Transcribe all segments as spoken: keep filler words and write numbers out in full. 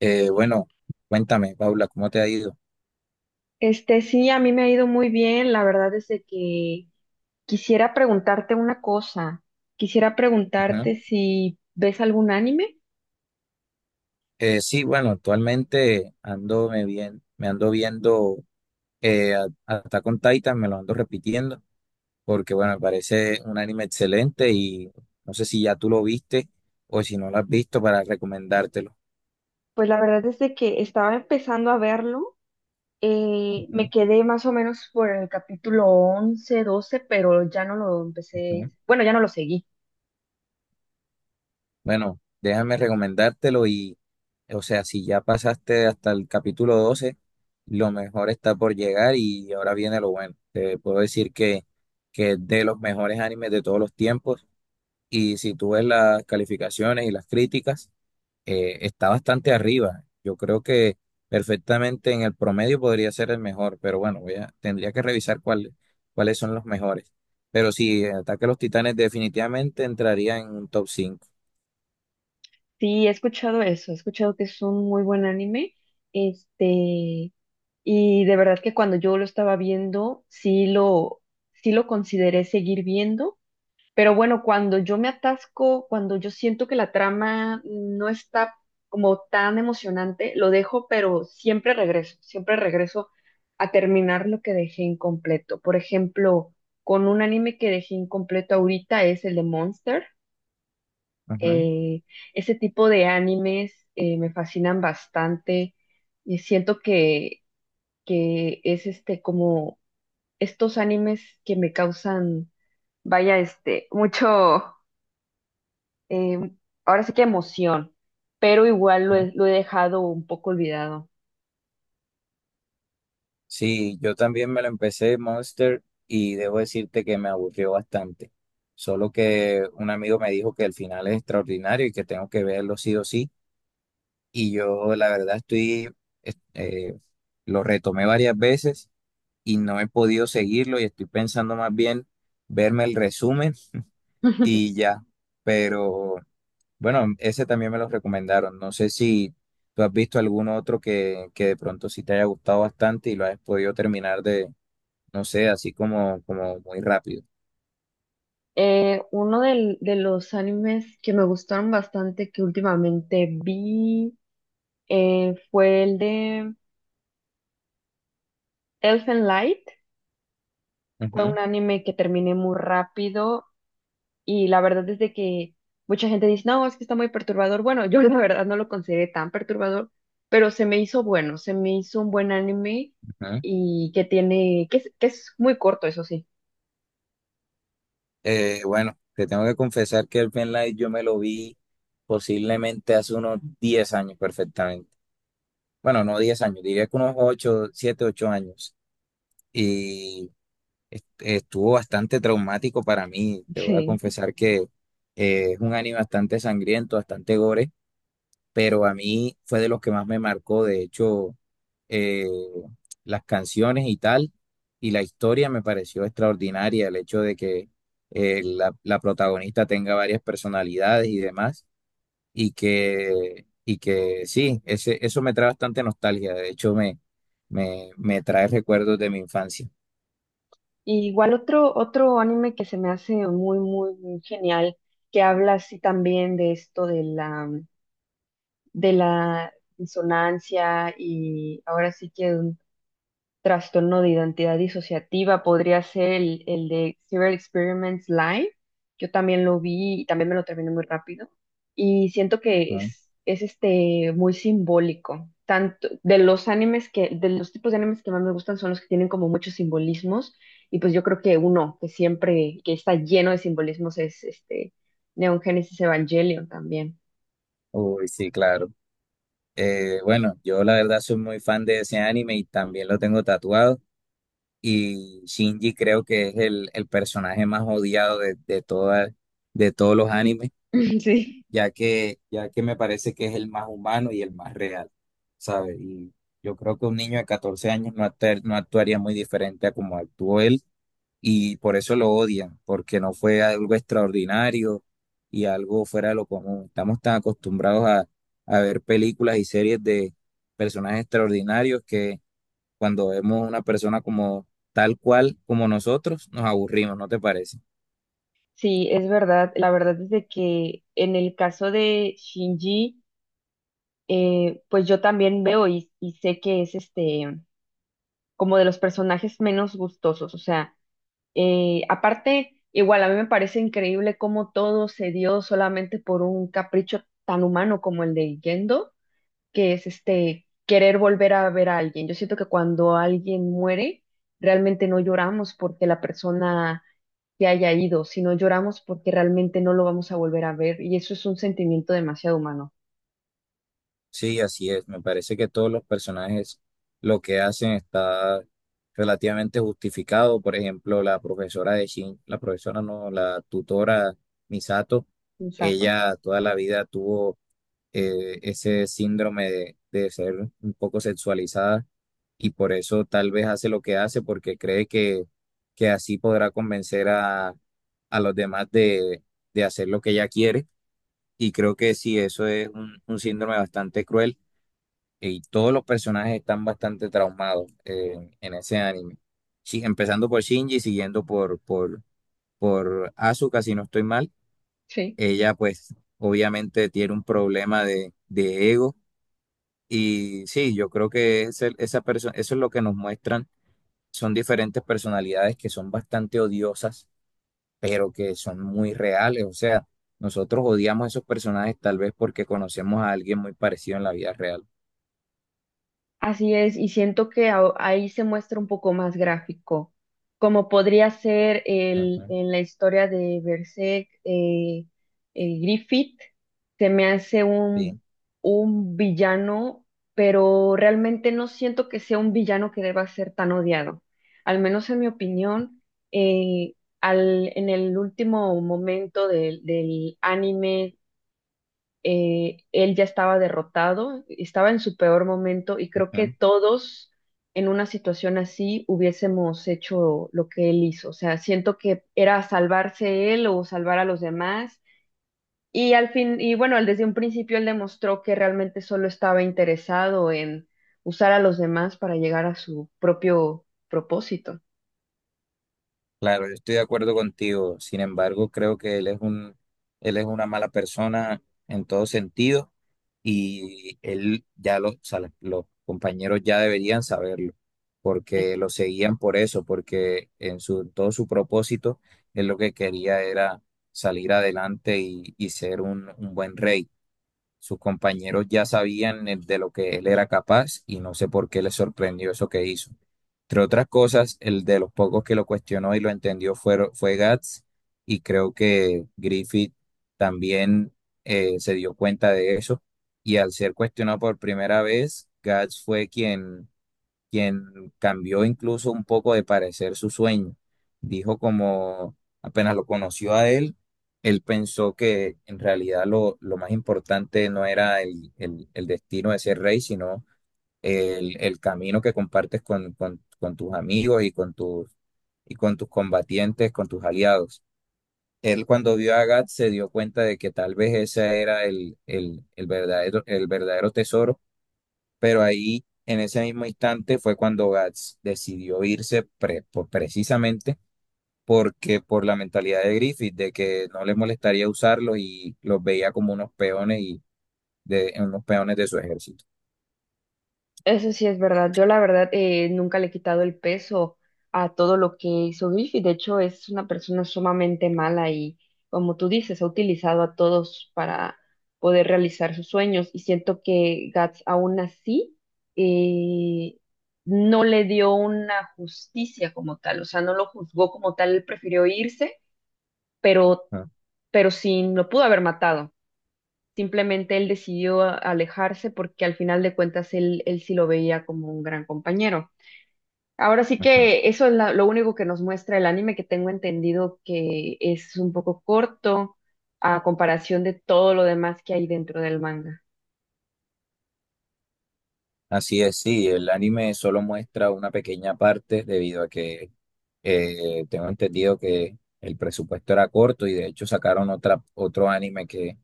Eh, bueno, cuéntame, Paula, ¿cómo te ha ido? Este, sí, a mí me ha ido muy bien. La verdad es de que quisiera preguntarte una cosa. Quisiera Ujú. preguntarte si ves algún anime. Eh, sí, bueno, actualmente ando me bien, me ando viendo eh, a- Attack on Titan, me lo ando repitiendo, porque bueno, me parece un anime excelente y no sé si ya tú lo viste o si no lo has visto para recomendártelo. Pues la verdad es de que estaba empezando a verlo. Eh, me quedé más o menos por el capítulo once, doce, pero ya no lo Ujú. empecé. Bueno, ya no lo seguí. Bueno, déjame recomendártelo y, o sea, si ya pasaste hasta el capítulo doce, lo mejor está por llegar y ahora viene lo bueno. Te puedo decir que, que es de los mejores animes de todos los tiempos y si tú ves las calificaciones y las críticas, eh, está bastante arriba. Yo creo que perfectamente en el promedio podría ser el mejor, pero bueno, voy a- tendría que revisar cuál- cuáles son los mejores. Pero sí, Ataque a los Titanes definitivamente entraría en un top cinco. Sí, he escuchado eso. He escuchado que es un muy buen anime. Este, y de verdad que cuando yo lo estaba viendo, sí lo, sí lo consideré seguir viendo. Pero bueno, cuando yo me atasco, cuando yo siento que la trama no está como tan emocionante, lo dejo, pero siempre regreso, siempre regreso a terminar lo que dejé incompleto. Por ejemplo, con un anime que dejé incompleto ahorita es el de Monster. Eh, Ese tipo de animes eh, me fascinan bastante y siento que, que es este como estos animes que me causan, vaya, este, mucho eh, ahora sí que emoción, pero igual lo he, lo he dejado un poco olvidado. Sí, yo también me lo empecé Monster y debo decirte que me aburrió bastante. Solo que un amigo me dijo que el final es extraordinario y que tengo que verlo sí o sí. Y yo la verdad estoy, es- eh, lo retomé varias veces y no he podido seguirlo y estoy pensando más bien verme el resumen y ya. Pero bueno, ese también me lo recomendaron. No sé si tú has visto algún otro que, que de pronto sí te haya gustado bastante y lo has podido terminar no sé, así como, como muy rápido. Eh, uno del- de los animes que me gustaron bastante que últimamente vi eh, fue el de Elfen Light. Fue Ujú, un anime que terminé muy rápido y la verdad es de que mucha gente dice, no, es que está muy perturbador. Bueno, yo la verdad no lo consideré tan perturbador, pero se me hizo bueno, se me hizo un buen anime, ujú. y que tiene, que es, que es muy corto, eso sí. Eh, bueno, te tengo que confesar que el Light yo me lo vi posiblemente hace unos diez años perfectamente. Bueno, no diez años, diría que unos ocho siete ocho años. Y est- estuvo bastante traumático para mí. Te voy a Sí, confesar que eh, es un anime bastante sangriento, bastante gore. Pero a mí fue de los que más me marcó, de hecho, eh, las canciones y tal, y la historia me pareció extraordinaria, el hecho de que eh, la, la protagonista tenga varias personalidades y demás, y que, y que sí, ese, eso me trae bastante nostalgia, de hecho me, me, me trae recuerdos de mi infancia, y igual otro, otro anime que se me hace muy, muy, muy genial, que habla así también de esto de la, de la insonancia y ahora sí que trastorno de identidad disociativa, podría ser el, el de Serial Experiments Live. Yo también lo vi y también me lo terminé muy rápido. Y siento que ¿no? es, es este, muy simbólico. Tanto de los animes que, de los tipos de animes que más me gustan son los que tienen como muchos simbolismos. Y pues yo creo que uno que siempre, que está lleno de simbolismos es este Neon Genesis Evangelion también. Uy, sí, claro. Eh, bueno, yo la verdad soy muy fan de ese anime y también lo tengo tatuado. Y Shinji creo que es el, el personaje más odiado de, de, toda- de todos los animes, Sí. ya que, ya que me parece que es el más humano y el más real, ¿sabes? Y yo creo que un niño de catorce años no, acta- no actuaría muy diferente a como actuó él, y por eso lo odian, porque no fue algo extraordinario y algo fuera de lo común. Estamos tan acostumbrados a, a ver películas y series de personajes extraordinarios cuando vemos una persona como tal cual como nosotros, nos aburrimos, ¿no te parece? Sí, es verdad. La verdad es de que en el caso de Shinji, eh, pues yo también veo y, y sé que es este como de los personajes menos gustosos. O sea, eh, aparte, igual a mí me parece increíble cómo todo se dio solamente por un capricho tan humano como el de Gendo, que es este querer volver a ver a alguien. Yo siento que cuando alguien muere, realmente no lloramos porque la persona se haya ido, sino lloramos porque realmente no lo vamos a volver a ver. Y eso es un sentimiento demasiado humano. Sí, así es. Me parece que todos los personajes lo que hacen está relativamente justificado. Por ejemplo, la profesora de Shin, la profesora no, la tutora Misato, Exacto. ella toda la vida tuvo eh, ese síndrome de, de ser un poco sexualizada y por eso tal vez hace lo que hace porque cree que, que así podrá convencer a, a los demás de, de hacer lo que ella quiere. Y creo que sí, eso es un, un síndrome bastante cruel y todos los personajes están bastante traumados eh, en, en ese anime. Sí, empezando por Shinji, siguiendo por, por, por Asuka, si no estoy mal. Sí. Ella pues obviamente tiene un problema de de ego y sí, yo creo que ese- esa persona eso es lo que nos muestran. Son diferentes personalidades que son bastante odiosas, pero que son muy reales. O sea, nosotros odiamos esos personajes tal vez porque conocemos a alguien muy parecido en la vida real. Así es, y siento que a- ahí se muestra un poco más gráfico, como podría ser el, Ujú, en la historia de Berserk, eh, eh, Griffith se me hace un, sí, un villano, pero realmente no siento que sea un villano que deba ser tan odiado. Al menos en mi opinión, eh, al, en el último momento del del anime, eh, él ya estaba derrotado, estaba en su peor momento y creo que ujú. todos en una situación así hubiésemos hecho lo que él hizo. O sea, siento que era salvarse él o salvar a los demás. Y al fin, y bueno, él desde un principio él demostró que realmente solo estaba interesado en usar a los demás para llegar a su propio propósito. Claro, yo estoy de acuerdo contigo. Sin embargo, creo que él es un, él es una mala persona en todo sentido y él ya lo- o sea, los, los compañeros ya deberían saberlo porque lo seguían por eso, porque en su, todo su propósito, él lo que quería era salir adelante y, y ser un, un buen rey. Sus compañeros ya sabían eh, de lo que él era capaz y no sé por qué le sorprendió eso que hizo. Entre otras cosas, el de los pocos que lo cuestionó y lo entendió fue, fue Guts y creo que Griffith también eh, se dio cuenta de eso y al ser cuestionado por primera vez, Guts fue quien quien cambió incluso un poco de parecer su sueño. Dijo como apenas lo conoció a él, él pensó que en realidad lo, lo más importante no era el, el- el destino de ser rey, sino el, el camino que compartes con, con- con tus amigos y con tus, y con tus combatientes, con tus aliados. Él cuando vio a Gat se dio cuenta de que tal vez ese era el, el el verdadero, el verdadero tesoro, pero ahí, en ese mismo instante, fue cuando Gats decidió irse pre- por- precisamente porque por la mentalidad de Griffith, de que no le molestaría usarlos y los veía como unos peones y de unos peones de su ejército. Eso sí es verdad. Yo la verdad eh, nunca le he quitado el peso a todo lo que hizo Griffith. De hecho, es una persona sumamente mala y, como tú dices, ha utilizado a todos para poder realizar sus sueños. Y siento que Guts aún así eh, no le dio una justicia como tal. O sea, no lo juzgó como tal. Él prefirió irse, pero, Ah, pero sí lo pudo haber matado. Simplemente él decidió alejarse porque al final de cuentas él, él sí lo veía como un gran compañero. Ahora sí ujú. que eso es la- lo único que nos muestra el anime, que tengo entendido que es un poco corto a comparación de todo lo demás que hay dentro del manga. Así es, sí, el anime solo muestra una pequeña parte debido a que eh, tengo entendido que el presupuesto era corto y de hecho sacaron otra, otro anime que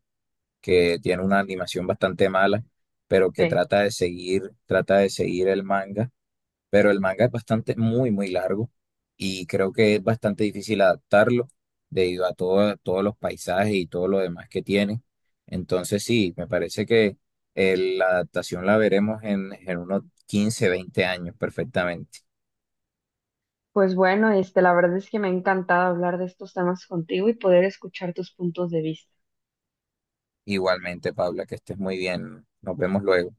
que tiene una animación bastante mala, pero que Sí. trata de seguir, trata de seguir el manga, pero el manga es bastante, muy, muy largo y creo que es bastante difícil adaptarlo debido a todo- todos los paisajes y todo lo demás que tiene. Entonces sí, me parece que eh, la adaptación la veremos en, en unos quince veinte años perfectamente. Pues bueno, este, la verdad es que me ha encantado hablar de estos temas contigo y poder escuchar tus puntos de vista. Igualmente, Paula, que estés muy bien. Nos vemos luego.